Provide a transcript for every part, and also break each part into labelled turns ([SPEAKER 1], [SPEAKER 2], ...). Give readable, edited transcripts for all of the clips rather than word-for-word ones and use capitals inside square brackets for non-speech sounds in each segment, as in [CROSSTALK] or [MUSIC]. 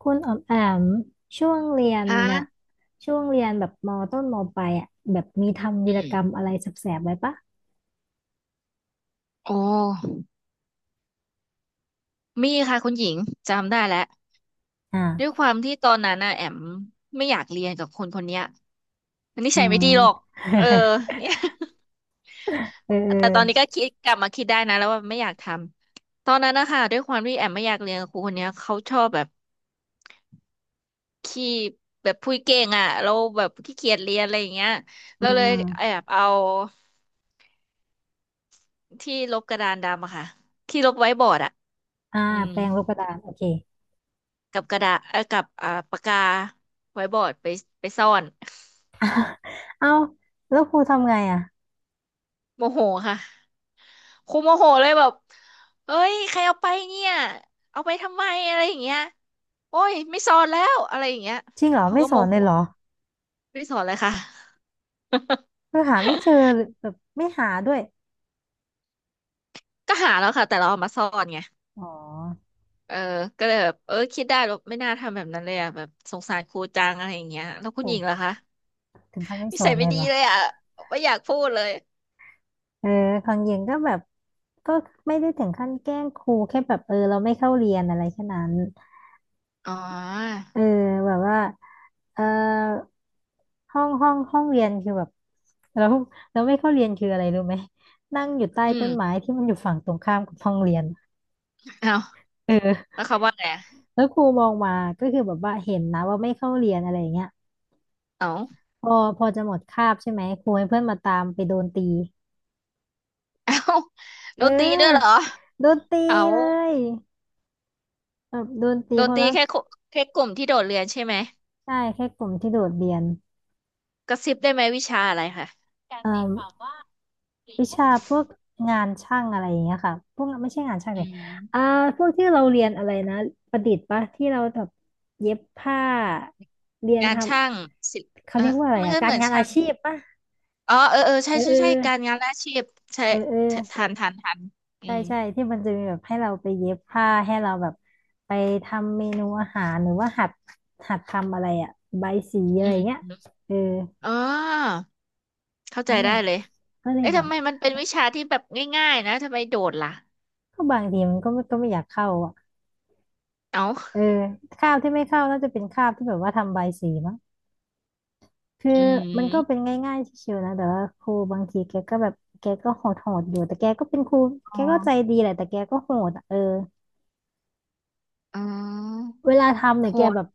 [SPEAKER 1] คุณออมแอมช่วงเรียน
[SPEAKER 2] ฮะ
[SPEAKER 1] น่ะช่วงเรียนแบบมต้นมปลายอ่ะแบบมีทำวี
[SPEAKER 2] อื
[SPEAKER 1] รกร
[SPEAKER 2] ม
[SPEAKER 1] รมอะไรแสบๆไว้ปะ
[SPEAKER 2] โอ้มีค่ะคุณหญิงจำได้แล้วด้วย
[SPEAKER 1] อ่า
[SPEAKER 2] ความที่ตอนนั้นน่ะแอมไม่อยากเรียนกับคนคนเนี้ยมันนิ
[SPEAKER 1] อื
[SPEAKER 2] สัยไม่ดีหรอก
[SPEAKER 1] ม
[SPEAKER 2] เออเนี่ย [LAUGHS]
[SPEAKER 1] เ
[SPEAKER 2] แต่ตอนนี้
[SPEAKER 1] ออ
[SPEAKER 2] ก็คิดกลับมาคิดได้นะแล้วว่าไม่อยากทำตอนนั้นนะคะด้วยความที่แอมไม่อยากเรียนกับครูคนเนี้ยเขาชอบแบบขี้แบบพูดเก่งอ่ะเราแบบขี้เกียจเรียนอะไรอย่างเงี้ย
[SPEAKER 1] เออ
[SPEAKER 2] เรา
[SPEAKER 1] อืม
[SPEAKER 2] เล
[SPEAKER 1] อื
[SPEAKER 2] ยแอ
[SPEAKER 1] ม
[SPEAKER 2] บเอาที่ลบกระดานดำอะค่ะที่ลบไว้บอร์ดอะ
[SPEAKER 1] อ่า
[SPEAKER 2] อืม
[SPEAKER 1] แปรงลบกระดานโอเค
[SPEAKER 2] กับกระดาษกับปากกาไว้บอร์ดไปไปซ่อน
[SPEAKER 1] เอาแล้วครูทำไงอ่ะ
[SPEAKER 2] [LAUGHS] โมโหค่ะครูโมโหเลยแบบเอ้ยใครเอาไปเนี่ยเอาไปทำไมอะไรอย่างเงี้ยโอ้ยไม่สอนแล้วอะไรอย่างเงี้ย
[SPEAKER 1] จริงเหรอ
[SPEAKER 2] เขา
[SPEAKER 1] ไม่
[SPEAKER 2] ก็
[SPEAKER 1] ส
[SPEAKER 2] โม
[SPEAKER 1] อนเล
[SPEAKER 2] โห
[SPEAKER 1] ยเหรอ
[SPEAKER 2] ไม่ไ้สอนเลยค่ะ [LAUGHS]
[SPEAKER 1] คือหาไม่เจอหรือแบบไม่หาด้วย
[SPEAKER 2] ก็หาแล้วค่ะแต่เราเอามาซ่อนไง
[SPEAKER 1] อ๋อ
[SPEAKER 2] เออก็เลยแบบเออคิดได้แบบไม่น่าทำแบบนั้นเลยอ่ะแบบสงสารครูจังอะไรอย่างเงี้ยแล้วคุ
[SPEAKER 1] โห
[SPEAKER 2] ณหญิงล่ะคะ
[SPEAKER 1] ถึงขั้นไม่
[SPEAKER 2] นิ
[SPEAKER 1] สอ
[SPEAKER 2] สั
[SPEAKER 1] น
[SPEAKER 2] ย
[SPEAKER 1] เล
[SPEAKER 2] ไม่
[SPEAKER 1] ย
[SPEAKER 2] ดี
[SPEAKER 1] เหรอ
[SPEAKER 2] เลยอ่ะไม่อยากพูดเลย
[SPEAKER 1] เออของเย็นก็แบบก็ไม่ได้ถึงขั้นแกล้งครูแค่แบบเออเราไม่เข้าเรียนอะไรแค่นั้น
[SPEAKER 2] อ๋อ
[SPEAKER 1] เออแบบว่าเออห้องเรียนคือแบบเราเราไม่เข้าเรียนคืออะไรรู้ไหมนั่งอยู่ใต้
[SPEAKER 2] อื
[SPEAKER 1] ต้
[SPEAKER 2] ม
[SPEAKER 1] นไม้ที่มันอยู่ฝั่งตรงข้ามกับห้องเรียน
[SPEAKER 2] เอา
[SPEAKER 1] เออ
[SPEAKER 2] แล้วเขาว่าไงอะ
[SPEAKER 1] แล้วครูมองมาก็คือแบบว่าเห็นนะว่าไม่เข้าเรียนอะไรอย่างเงี้ย
[SPEAKER 2] เอา
[SPEAKER 1] พอพอจะหมดคาบใช่ไหมครูให้เพื่อนมาตามไปโดนตี
[SPEAKER 2] เอ้า
[SPEAKER 1] เอ
[SPEAKER 2] โดนตีด้วยเหรอ
[SPEAKER 1] อโดนตี
[SPEAKER 2] เอา
[SPEAKER 1] เลยแบบโดนตี
[SPEAKER 2] โด
[SPEAKER 1] ค
[SPEAKER 2] น
[SPEAKER 1] น
[SPEAKER 2] ตี
[SPEAKER 1] ละ
[SPEAKER 2] แค่คุแค่กลุ่มที่โดดเรียนใช่ไหม
[SPEAKER 1] ใช่แค่กลุ่มที่โดดเรียน
[SPEAKER 2] กระซิบได้ไหมวิชาอะไรคะการ
[SPEAKER 1] เอ
[SPEAKER 2] ตีความ
[SPEAKER 1] อ
[SPEAKER 2] ว่าหรือ
[SPEAKER 1] วิ
[SPEAKER 2] แค่
[SPEAKER 1] ชาพวกงานช่างอะไรอย่างเงี้ยค่ะพวกไม่ใช่งานช่างเล
[SPEAKER 2] อื
[SPEAKER 1] ยอ่า
[SPEAKER 2] ม
[SPEAKER 1] พวกที่เราเรียนอะไรนะประดิษฐ์ปะที่เราแบบเย็บผ้าเรียน
[SPEAKER 2] งา
[SPEAKER 1] ท
[SPEAKER 2] นช่างศิลป์
[SPEAKER 1] ำเขา
[SPEAKER 2] เออ
[SPEAKER 1] เรียกว่าอะไร
[SPEAKER 2] มัน
[SPEAKER 1] อะ
[SPEAKER 2] ก็
[SPEAKER 1] กา
[SPEAKER 2] เห
[SPEAKER 1] ร
[SPEAKER 2] มือน
[SPEAKER 1] งานอา
[SPEAKER 2] ช่าง
[SPEAKER 1] ชีพปะ
[SPEAKER 2] อ๋อเออเออใช่
[SPEAKER 1] เอ
[SPEAKER 2] ใช่ใช่การ
[SPEAKER 1] อ
[SPEAKER 2] งานและอาชีพใช่
[SPEAKER 1] เออเออเอ
[SPEAKER 2] ทั
[SPEAKER 1] อ
[SPEAKER 2] นทันทันอื
[SPEAKER 1] ใช่
[SPEAKER 2] ม
[SPEAKER 1] ใช่ที่มันจะมีแบบให้เราไปเย็บผ้าให้เราแบบไปทำเมนูอาหารหรือว่าหัดทำอะไรอะใบายสีอะไร
[SPEAKER 2] อืม
[SPEAKER 1] เงี้ย
[SPEAKER 2] อม
[SPEAKER 1] เออ
[SPEAKER 2] อ๋อเข้าใจ
[SPEAKER 1] นั่นแห
[SPEAKER 2] ได้
[SPEAKER 1] ละ
[SPEAKER 2] เลย
[SPEAKER 1] ก็เลย
[SPEAKER 2] เอ๊ะ
[SPEAKER 1] แบ
[SPEAKER 2] ทำ
[SPEAKER 1] บ
[SPEAKER 2] ไมมันเป็นวิชาที่แบบง่ายๆนะทำไมโดดล่ะ
[SPEAKER 1] ก็บางทีมันก็ไม่ก็ไม่อยากเข้าอะ
[SPEAKER 2] เอ้า
[SPEAKER 1] เออข้าวที่ไม่เข้าน่าจะเป็นข้าวที่แบบว่าทำใบสีมั้งคือ
[SPEAKER 2] อื
[SPEAKER 1] มันก็เป็
[SPEAKER 2] ม
[SPEAKER 1] นง่ายๆชิวๆนะแต่ว่าครูบางทีแกก็แบบแกก็โหดโหดอยู่แต่แกก็เป็นครู
[SPEAKER 2] อ๋
[SPEAKER 1] แก
[SPEAKER 2] อ
[SPEAKER 1] ก็ใจดีแหละแต่แกก็โหดอะเออ
[SPEAKER 2] อ๋อ
[SPEAKER 1] เวลาทำเนี่
[SPEAKER 2] โห
[SPEAKER 1] ยแก
[SPEAKER 2] ด
[SPEAKER 1] แบบ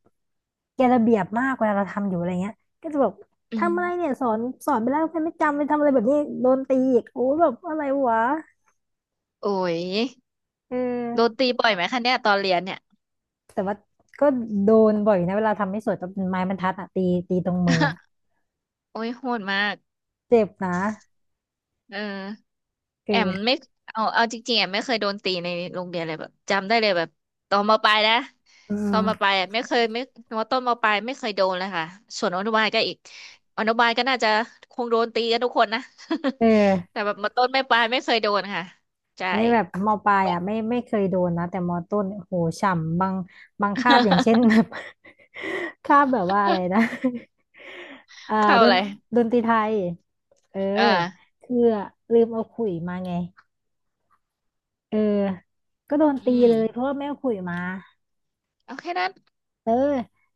[SPEAKER 1] แกระเบียบมากเวลาเราทำอยู่อะไรเงี้ยก็จะแบบ
[SPEAKER 2] อืม
[SPEAKER 1] ทำอะไรเนี่ยสอนไปแล้วใครไม่จำไปทำอะไรแบบนี้โดนตีอีกโอ้แบบอะไรวะ
[SPEAKER 2] โอ้ย
[SPEAKER 1] เอ
[SPEAKER 2] โดน
[SPEAKER 1] อ
[SPEAKER 2] ตีบ่อยไหมคะเนี่ยตอนเรียนเนี่ย
[SPEAKER 1] แต่ว่าก็โดนบ่อยนะเวลาทำไม่สวยต้องเป็นไม้บรรทัดอะตีตรงมืออะ
[SPEAKER 2] [LAUGHS] โอ้ยโหดมาก
[SPEAKER 1] เจ็บนะ
[SPEAKER 2] เออ
[SPEAKER 1] เอ
[SPEAKER 2] แอม
[SPEAKER 1] อ
[SPEAKER 2] ไม่เอาเอาจริงๆแอมไม่เคยโดนตีในโรงเรียนเลยแบบจำได้เลยแบบตอนมปลายนะ
[SPEAKER 1] อื
[SPEAKER 2] ตอนมปลา
[SPEAKER 1] ม
[SPEAKER 2] ยอะไม่เคยไม่มต้นมปลายไม่เคยโดนเลยค่ะส่วนอนุบาลก็อีกอนุบาลก็น่าจะคงโดนตีกันทุกคนนะ
[SPEAKER 1] เอ
[SPEAKER 2] [LAUGHS] แต่
[SPEAKER 1] อ
[SPEAKER 2] แบบมต้นไม่ปลายไม่เคยโดนค่ะใช่
[SPEAKER 1] นี่แบบมปลายอ่ะไม่เคยโดนนะแต่มต้นโอ้โหฉ่ำบางบางคาบอย่างเช่น [LAUGHS] แบ
[SPEAKER 2] [LAUGHS]
[SPEAKER 1] บ [LAUGHS] คาบแบบว่าอะไรนะ [LAUGHS] อ่า
[SPEAKER 2] เข้า
[SPEAKER 1] ดน
[SPEAKER 2] เลย
[SPEAKER 1] ดนตรีไทยเออ
[SPEAKER 2] เออ
[SPEAKER 1] คือลืมเอาขลุยมาไงเออก็โดนตี
[SPEAKER 2] อืม
[SPEAKER 1] เลยเพราะว่าไม่เอาขลุยมา
[SPEAKER 2] โอเคนั้น
[SPEAKER 1] เออ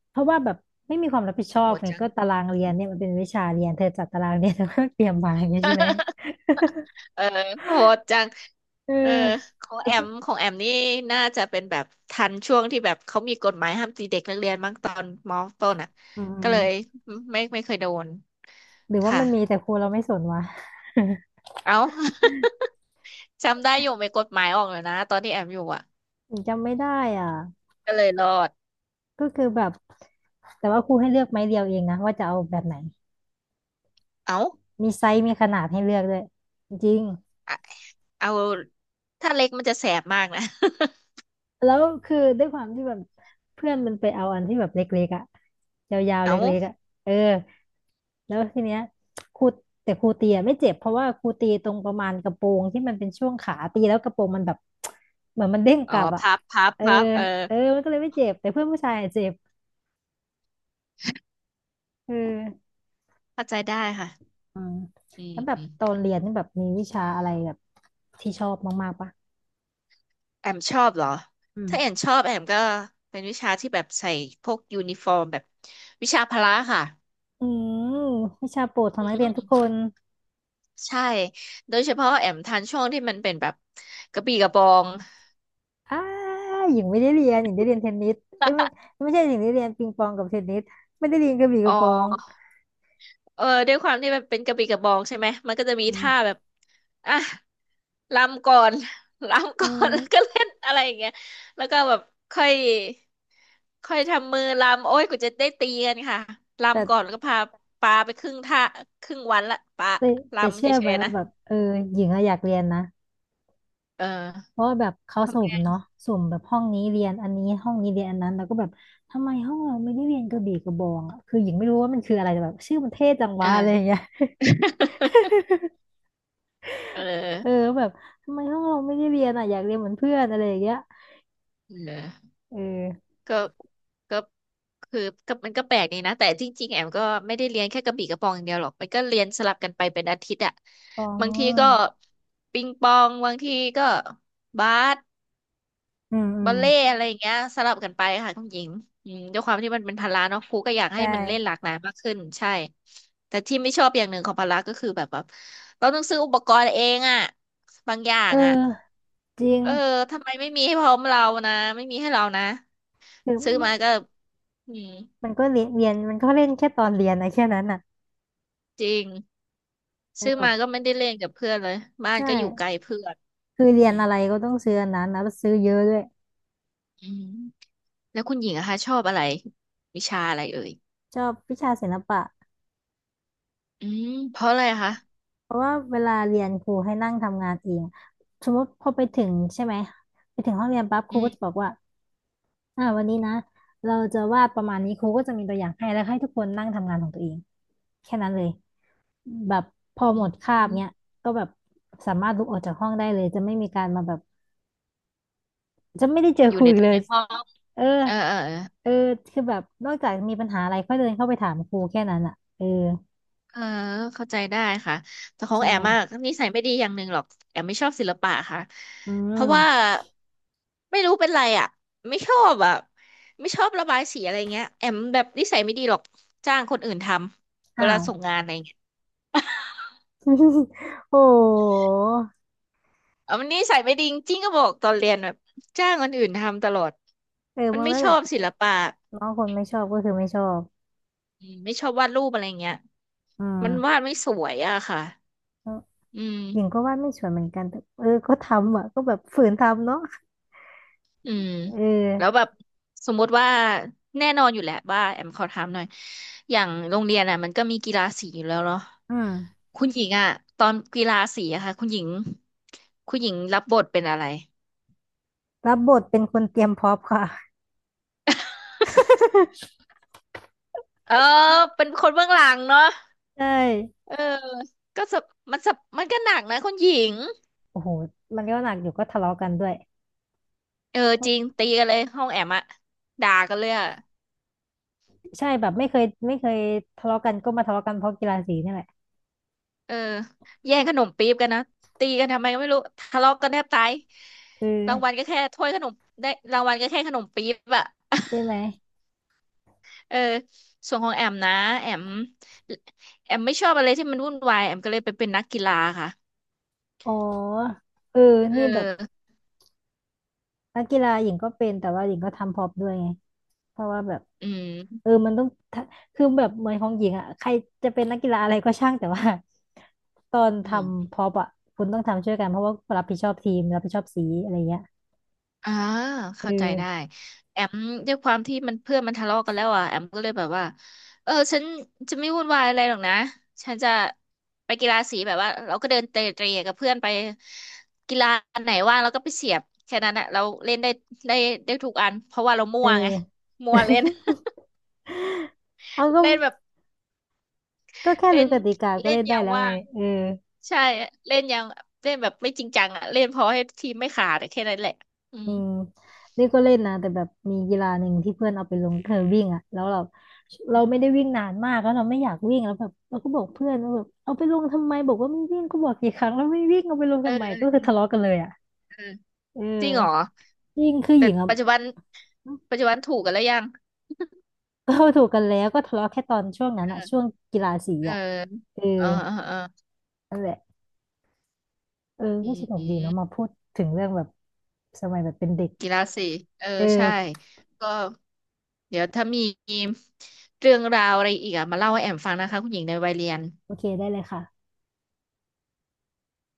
[SPEAKER 1] เพราะว่าแบบไม่มีความรับผิดชอ
[SPEAKER 2] โห
[SPEAKER 1] บ
[SPEAKER 2] ด
[SPEAKER 1] ไง
[SPEAKER 2] จัง
[SPEAKER 1] ก็ตารางเรียนเนี่ยมันเป็นวิชาเรียนเธอจัดตารางเรียนเธอก็เตรียมมาอย่างเงี้ยใช่ไหม
[SPEAKER 2] เออโหดจัง
[SPEAKER 1] เออ
[SPEAKER 2] เออของ
[SPEAKER 1] แล้ว
[SPEAKER 2] แอ
[SPEAKER 1] ก็
[SPEAKER 2] มของแอมนี่น่าจะเป็นแบบทันช่วงที่แบบเขามีกฎหมายห้ามตีเด็กนักเรียนมั้งตอนมอต้นอ่ะ
[SPEAKER 1] อื
[SPEAKER 2] ก็เลย
[SPEAKER 1] ม
[SPEAKER 2] ไม่ไม่เคยโดน
[SPEAKER 1] หรือว่า
[SPEAKER 2] ค่ะ
[SPEAKER 1] มันมีแต่ครูเราไม่สนวะ
[SPEAKER 2] เอ้า [LAUGHS] จำได้อยู่มีกฎหมายออกเลยนะตอนที่แอมอยู่อ่ะ
[SPEAKER 1] ผมจำไม่ได้อ่ะ
[SPEAKER 2] ก็เลยรอด
[SPEAKER 1] ก็คือแบบแต่ว่าครูให้เลือกไม้เดียวเองนะว่าจะเอาแบบไหน
[SPEAKER 2] เอ้า
[SPEAKER 1] มีไซส์มีขนาดให้เลือกด้วยจริง
[SPEAKER 2] อะเอาถ้าเล็กมันจะแสบมากนะ
[SPEAKER 1] แล้วคือด้วยความที่แบบเพื่อนมันไปเอาอันที่แบบเล็กๆอ่ะยาว
[SPEAKER 2] [LAUGHS]
[SPEAKER 1] ๆ
[SPEAKER 2] เอ้า
[SPEAKER 1] เล็กๆอ่ะเออแล้วทีเนี้ยครูแต่ครูตีอะไม่เจ็บเพราะว่าครูตีตรงประมาณกระโปรงที่มันเป็นช่วงขาตีแล้วกระโปรงมันแบบ [TSK] เหมือนมันเด้งก
[SPEAKER 2] อ๋อ
[SPEAKER 1] ลับอ่ะ
[SPEAKER 2] พับพับ
[SPEAKER 1] เออ
[SPEAKER 2] พับเออ
[SPEAKER 1] เออมันก็เลยไม่เจ็บแต่เพื่อนผู้ชายอะเจ็บเออ
[SPEAKER 2] เข้าใจได้ค่ะ
[SPEAKER 1] อืม
[SPEAKER 2] อื
[SPEAKER 1] แล้วแบบต
[SPEAKER 2] ม
[SPEAKER 1] อนเรียนนี่แบบมีวิชาอะไรแบบที่ชอบมากๆปะ
[SPEAKER 2] แอมชอบเหรอ
[SPEAKER 1] อื
[SPEAKER 2] ถ้าแอม
[SPEAKER 1] ม
[SPEAKER 2] ชอบแอมก็เป็นวิชาที่แบบใส่พวกยูนิฟอร์มแบบวิชาพละค่ะ
[SPEAKER 1] อืมวิชาโปรดของ
[SPEAKER 2] อื
[SPEAKER 1] นักเรียนทุก
[SPEAKER 2] ม
[SPEAKER 1] คน
[SPEAKER 2] ใช่ โดยเฉพาะแอมทันช่วงที่มันเป็นแบบกระบี่กระบอง
[SPEAKER 1] อ้าหญิงไม่ได้เรียนหญิงได้เรียนเทนนิสเอ้ยไม่ไม่ใช่หญิงได้เรียนปิงปองกับเทนนิสไม่ได้เรียนกระบี่ก
[SPEAKER 2] อ๋
[SPEAKER 1] ระบอง
[SPEAKER 2] อ เออ ด้วยความที่มันเป็นกระบี่กระบองใช่ไหม มันก็จะมี
[SPEAKER 1] อื
[SPEAKER 2] ท่าแบ
[SPEAKER 1] ม
[SPEAKER 2] บอ่ะ รำก่อน [LAUGHS] รำ
[SPEAKER 1] อื
[SPEAKER 2] ก่อน [LAUGHS] แล้วก็
[SPEAKER 1] ม
[SPEAKER 2] เล่นอะไรอย่างเงี้ยแล้วก็แบบค่อยค่อยทำมือรำโอ้ยกูจะได้ตีกันค่ะรำก่อนแล้
[SPEAKER 1] แต่
[SPEAKER 2] วก็พาปาไปครึ่งท่าครึ่งวันละปา
[SPEAKER 1] แต่แต่
[SPEAKER 2] รำเฉ
[SPEAKER 1] เชื่อไหม
[SPEAKER 2] ยๆ
[SPEAKER 1] ว่า
[SPEAKER 2] นะ
[SPEAKER 1] แบบเออหญิงอะอยากเรียนนะ
[SPEAKER 2] เอ
[SPEAKER 1] เพ
[SPEAKER 2] อ
[SPEAKER 1] ราะว่าแบบเขา
[SPEAKER 2] ทำ
[SPEAKER 1] สุ่ม
[SPEAKER 2] ไม
[SPEAKER 1] เนาะสุ่มแบบห้องนี้เรียนอันนี้ห้องนี้เรียนอันนั้นแล้วก็แบบทำไมห้องเราไม่ได้เรียนกระบี่กระบองอ่ะคือหญิงไม่รู้ว่ามันคืออะไรแต่แบบชื่อมันเท่จัง
[SPEAKER 2] เอ
[SPEAKER 1] วะอะไรอย่าง
[SPEAKER 2] อ
[SPEAKER 1] เงี้ย
[SPEAKER 2] [LAUGHS] เออ
[SPEAKER 1] เออแบบทำไมห้องเราไม่ได้เรียนอ่ะอยากเรียนเหมือนเพื่อนอะไรอย่างเงี้ย
[SPEAKER 2] เออ
[SPEAKER 1] เออ
[SPEAKER 2] ก็ก็คือก็มันก็แปลกดีนะแต่จริงๆแอมก็ไม่ได้เรียนแค่กระบี่กระบองอย่างเดียวหรอกมันก็เรียนสลับกันไปเป็นอาทิตย์อะ
[SPEAKER 1] อ๋อ
[SPEAKER 2] บางทีก็ปิงปองบางทีก็บาส
[SPEAKER 1] อืมอื
[SPEAKER 2] บอ
[SPEAKER 1] ม
[SPEAKER 2] ลเล่ต์อะไรอย่างเงี้ยสลับกันไปค่ะคุณหญิงอืมด้วยความที่มันเป็นพละเนาะครูก็อยาก
[SPEAKER 1] ใช
[SPEAKER 2] ให้มันเล่นหลา
[SPEAKER 1] ่
[SPEAKER 2] กหลายมากขึ้นใช่แต่ที่ไม่ชอบอย่างหนึ่งของพละก็คือแบบแบบเราต้องซื้ออุปกรณ์เองอะบางอย่า
[SPEAKER 1] เอ
[SPEAKER 2] ง
[SPEAKER 1] อ
[SPEAKER 2] อะ
[SPEAKER 1] จริง
[SPEAKER 2] เออทำไมไม่มีให้พร้อมเรานะไม่มีให้เรานะ
[SPEAKER 1] คือ
[SPEAKER 2] ซื้อ
[SPEAKER 1] มั
[SPEAKER 2] มา
[SPEAKER 1] น
[SPEAKER 2] ก็อืม
[SPEAKER 1] มันก็เรียนเรียนมันก็เล่นแค่ตอนเรียนนะแค่นั้นอ่ะ
[SPEAKER 2] จริง
[SPEAKER 1] เออ
[SPEAKER 2] ซื้อ
[SPEAKER 1] แบ
[SPEAKER 2] มา
[SPEAKER 1] บ
[SPEAKER 2] ก็ไม่ได้เล่นกับเพื่อนเลยบ้าน
[SPEAKER 1] ใช่
[SPEAKER 2] ก็อยู่ไกลเพื่อน
[SPEAKER 1] คือเรี
[SPEAKER 2] อื
[SPEAKER 1] ยน
[SPEAKER 2] ม
[SPEAKER 1] อะไรก็ต้องซื้ออันนั้นนแล้วซื้อเยอะด้วย
[SPEAKER 2] อืมแล้วคุณหญิงอะคะชอบอะไรวิชาอะไรเอ่ย
[SPEAKER 1] ชอบวิชาศิลปะ
[SPEAKER 2] อืมเพราะอะไรคะ
[SPEAKER 1] เพราะว่าเวลาเรียนครูให้นั่งทำงานเองสมมติพอไปถึงใช่ไหมไปถึงห้องเรียนปั๊บค
[SPEAKER 2] อื
[SPEAKER 1] รูก็จะ
[SPEAKER 2] ม
[SPEAKER 1] บอกว่า อ่าวันนี้นะเราจะวาดประมาณนี้ครูก็จะมีตัวอย่างให้แล้วให้ทุกคนนั่งทำงานของตัวเองแค่นั้นเลยแบบพอ
[SPEAKER 2] อ
[SPEAKER 1] หมดคา
[SPEAKER 2] ื
[SPEAKER 1] บ
[SPEAKER 2] ม
[SPEAKER 1] เนี้ยก็แบบสามารถลุกออกจากห้องได้เลยจะไม่มีการมาแบบจะไม่ได้เจอ
[SPEAKER 2] อ
[SPEAKER 1] ค
[SPEAKER 2] ยู่
[SPEAKER 1] รู
[SPEAKER 2] ใน
[SPEAKER 1] อีก
[SPEAKER 2] ตัว
[SPEAKER 1] เล
[SPEAKER 2] ใน
[SPEAKER 1] ย
[SPEAKER 2] ห้อง
[SPEAKER 1] เออ
[SPEAKER 2] เออเออเออ
[SPEAKER 1] เออคือแบบนอกจากมีปัญหาอะไรก็เดินเข้าไปถามครูแค่นั้นอ่ะเออ
[SPEAKER 2] เออเข้าใจได้ค่ะแต่ของ
[SPEAKER 1] ใช่
[SPEAKER 2] แอมมากนิสัยไม่ดีอย่างหนึ่งหรอกแอมไม่ชอบศิลปะค่ะ
[SPEAKER 1] อื
[SPEAKER 2] เพราะว่า
[SPEAKER 1] ม
[SPEAKER 2] ไม่รู้เป็นไรอ่ะไม่ชอบอ่ะไม่ชอบระบายสีอะไรเงี้ยแอมแบบนิสัยไม่ดีหรอกจ้างคนอื่นทำเว
[SPEAKER 1] อ้า
[SPEAKER 2] ลา
[SPEAKER 1] ว
[SPEAKER 2] ส่งงานอะไรเงี้ย
[SPEAKER 1] [LAUGHS] โอ้โห
[SPEAKER 2] เอามันนิสัยไม่ดีจริงๆก็บอกตอนเรียนแบบจ้างคนอื่นทำตลอด
[SPEAKER 1] เออ
[SPEAKER 2] มัน
[SPEAKER 1] บาง
[SPEAKER 2] ไม่
[SPEAKER 1] เรื่อง
[SPEAKER 2] ช
[SPEAKER 1] แบ
[SPEAKER 2] อ
[SPEAKER 1] บ
[SPEAKER 2] บศิลปะ
[SPEAKER 1] น้องคนไม่ชอบก็คือไม่ชอบ
[SPEAKER 2] อืมไม่ชอบวาดรูปอะไรเงี้ย
[SPEAKER 1] อื
[SPEAKER 2] มันวา
[SPEAKER 1] ม
[SPEAKER 2] ดไม่สวยอะค่ะอืม
[SPEAKER 1] หญิงก็วาดไม่สวยเหมือนกันแต่เออก็ทำอ่ะก็แบบฝืนทำเนาะ
[SPEAKER 2] อืม
[SPEAKER 1] เออ
[SPEAKER 2] แล้วแบบสมมติว่าแน่นอนอยู่แหละว่าแอมขอถามหน่อยอย่างโรงเรียนอ่ะมันก็มีกีฬาสีอยู่แล้วเนาะ
[SPEAKER 1] อืม
[SPEAKER 2] คุณหญิงอ่ะตอนกีฬาสีอะค่ะคุณหญิงคุณหญิงรับบทเป็นอะไร
[SPEAKER 1] รับบทเป็นคนเตรียมพร้อมค่ะ
[SPEAKER 2] เออเป็นคนเบื้องหลังเนาะ
[SPEAKER 1] ใช่
[SPEAKER 2] เออก็สับมันสับมันก็หนักนะคุณหญิง
[SPEAKER 1] โอ้โหมันก็หนักอยู่ก็ทะเลาะกันด้วย
[SPEAKER 2] เออ
[SPEAKER 1] เพ
[SPEAKER 2] จ
[SPEAKER 1] ราะ
[SPEAKER 2] ริงตีกันเลยห้องแอมอะด่ากันเลยอะ
[SPEAKER 1] ใช่แบบไม่เคยทะเลาะกันก็มาทะเลาะกันเพราะกีฬาสีนี่แหละ
[SPEAKER 2] เออแย่งขนมปี๊บกันนะตีกันทำไมก็ไม่รู้ทะเลาะกันแทบตาย
[SPEAKER 1] คือ
[SPEAKER 2] รางวัลก็แค่ถ้วยขนมได้รางวัลก็แค่ขนมปี๊บอะ
[SPEAKER 1] ใช่ไหม
[SPEAKER 2] [LAUGHS] เออส่วนของแอมนะแอมแอมไม่ชอบอะไรที่มันวุ่นวายแอมก็เลยไปเป็นนักกีฬาค่ะ
[SPEAKER 1] อ๋อเออ
[SPEAKER 2] เอ
[SPEAKER 1] นี่แบบ
[SPEAKER 2] อ
[SPEAKER 1] นักกีฬาหญิงก็เป็นแต่ว่าหญิงก็ทำพร็อพด้วยไงเพราะว่าแบบ
[SPEAKER 2] อื
[SPEAKER 1] เออ
[SPEAKER 2] ม
[SPEAKER 1] มันต้องทะคือแบบเหมือนของหญิงอ่ะใครจะเป็นนักกีฬาอะไรก็ช่างแต่ว่าตอนท
[SPEAKER 2] อืม
[SPEAKER 1] ำพร็อพอ่ะคุณต้องทำช่วยกันเพราะว่ารับผิดชอบทีมรับผิดชอบสีอะไรเงี้ย
[SPEAKER 2] อ่า
[SPEAKER 1] เอ
[SPEAKER 2] เข้าใจได้
[SPEAKER 1] อ
[SPEAKER 2] แอมด้วยความที่มันเพื่อนมันทะเลาะกันแล้วอ่ะแอมก็เลยแบบว่าเออฉันจะไม่วุ่นวายอะไรหรอกนะฉันจะไปกีฬาสีแบบว่าเราก็เดินเตะเตะกับเพื่อนไปกีฬาอันไหนว่างเราก็ไปเสียบแค่นั้นอ่ะเราเล่นได้ได้ได้ทุกอันเพราะว่าเรามั่
[SPEAKER 1] เอ
[SPEAKER 2] วไง
[SPEAKER 1] อ
[SPEAKER 2] มั่วเล่น
[SPEAKER 1] [LAUGHS] เอาก็
[SPEAKER 2] [LAUGHS] เล่นแบบ
[SPEAKER 1] ก็แค่
[SPEAKER 2] เล่
[SPEAKER 1] รู้
[SPEAKER 2] น
[SPEAKER 1] กติกาก็
[SPEAKER 2] เล่น
[SPEAKER 1] เล่น
[SPEAKER 2] อ
[SPEAKER 1] ได้
[SPEAKER 2] ย่าง
[SPEAKER 1] แล้ว
[SPEAKER 2] ว่า
[SPEAKER 1] ไง
[SPEAKER 2] ง
[SPEAKER 1] เออ
[SPEAKER 2] ใช่เล่นอย่างเล่นแบบไม่จริงจังอ่ะเล่นพอให้ทีมไม่ขาดอะแค่นั้นแหละอื
[SPEAKER 1] อื
[SPEAKER 2] ม
[SPEAKER 1] มนี่ก็เล่นนะแต่แบบมีกีฬาหนึ่งที่เพื่อนเอาไปลงเธอวิ่งอ่ะแล้วเราไม่ได้วิ่งนานมากแล้วเราไม่อยากวิ่งแล้วแบบเราก็บอกเพื่อนว่าแบบเอาไปลงทำไมบอกว่าไม่วิ่งก็บอกกี่ครั้งแล้วไม่วิ่งเอาไปลง
[SPEAKER 2] เออ
[SPEAKER 1] ทำไม
[SPEAKER 2] เอ
[SPEAKER 1] ก็
[SPEAKER 2] อ
[SPEAKER 1] คือทะเลาะกันเลยอ่ะ
[SPEAKER 2] เออ
[SPEAKER 1] เอ
[SPEAKER 2] จริงเหรอ
[SPEAKER 1] อยิ่งคือห
[SPEAKER 2] แต่
[SPEAKER 1] ญิงอ่ะ
[SPEAKER 2] ปัจจุบันปัจจุบันถูกกันแล้วยัง
[SPEAKER 1] ก็ถูกกันแล้วก็ทะเลาะแค่ตอนช่วงนั้นอ่ะ
[SPEAKER 2] เออ
[SPEAKER 1] ช่วงกีฬาสี
[SPEAKER 2] เออ
[SPEAKER 1] อ่ะเออ
[SPEAKER 2] เออเออ
[SPEAKER 1] นั่นแหละเออ
[SPEAKER 2] อื
[SPEAKER 1] ก็สนุกดีเนาะ
[SPEAKER 2] ม
[SPEAKER 1] มาพูดถึงเรื่องแบบสมัยแบบเป็นเด็ก
[SPEAKER 2] กีฬาสีเออ
[SPEAKER 1] เอ
[SPEAKER 2] ใช่
[SPEAKER 1] อ
[SPEAKER 2] ก็เดี๋ยวถ้ามีเรื่องราวอะไรอีกอ่ะมาเล่าให้แอมฟังนะคะคุณหญิงในวัยเรียน
[SPEAKER 1] โอเคได้เลยค่ะ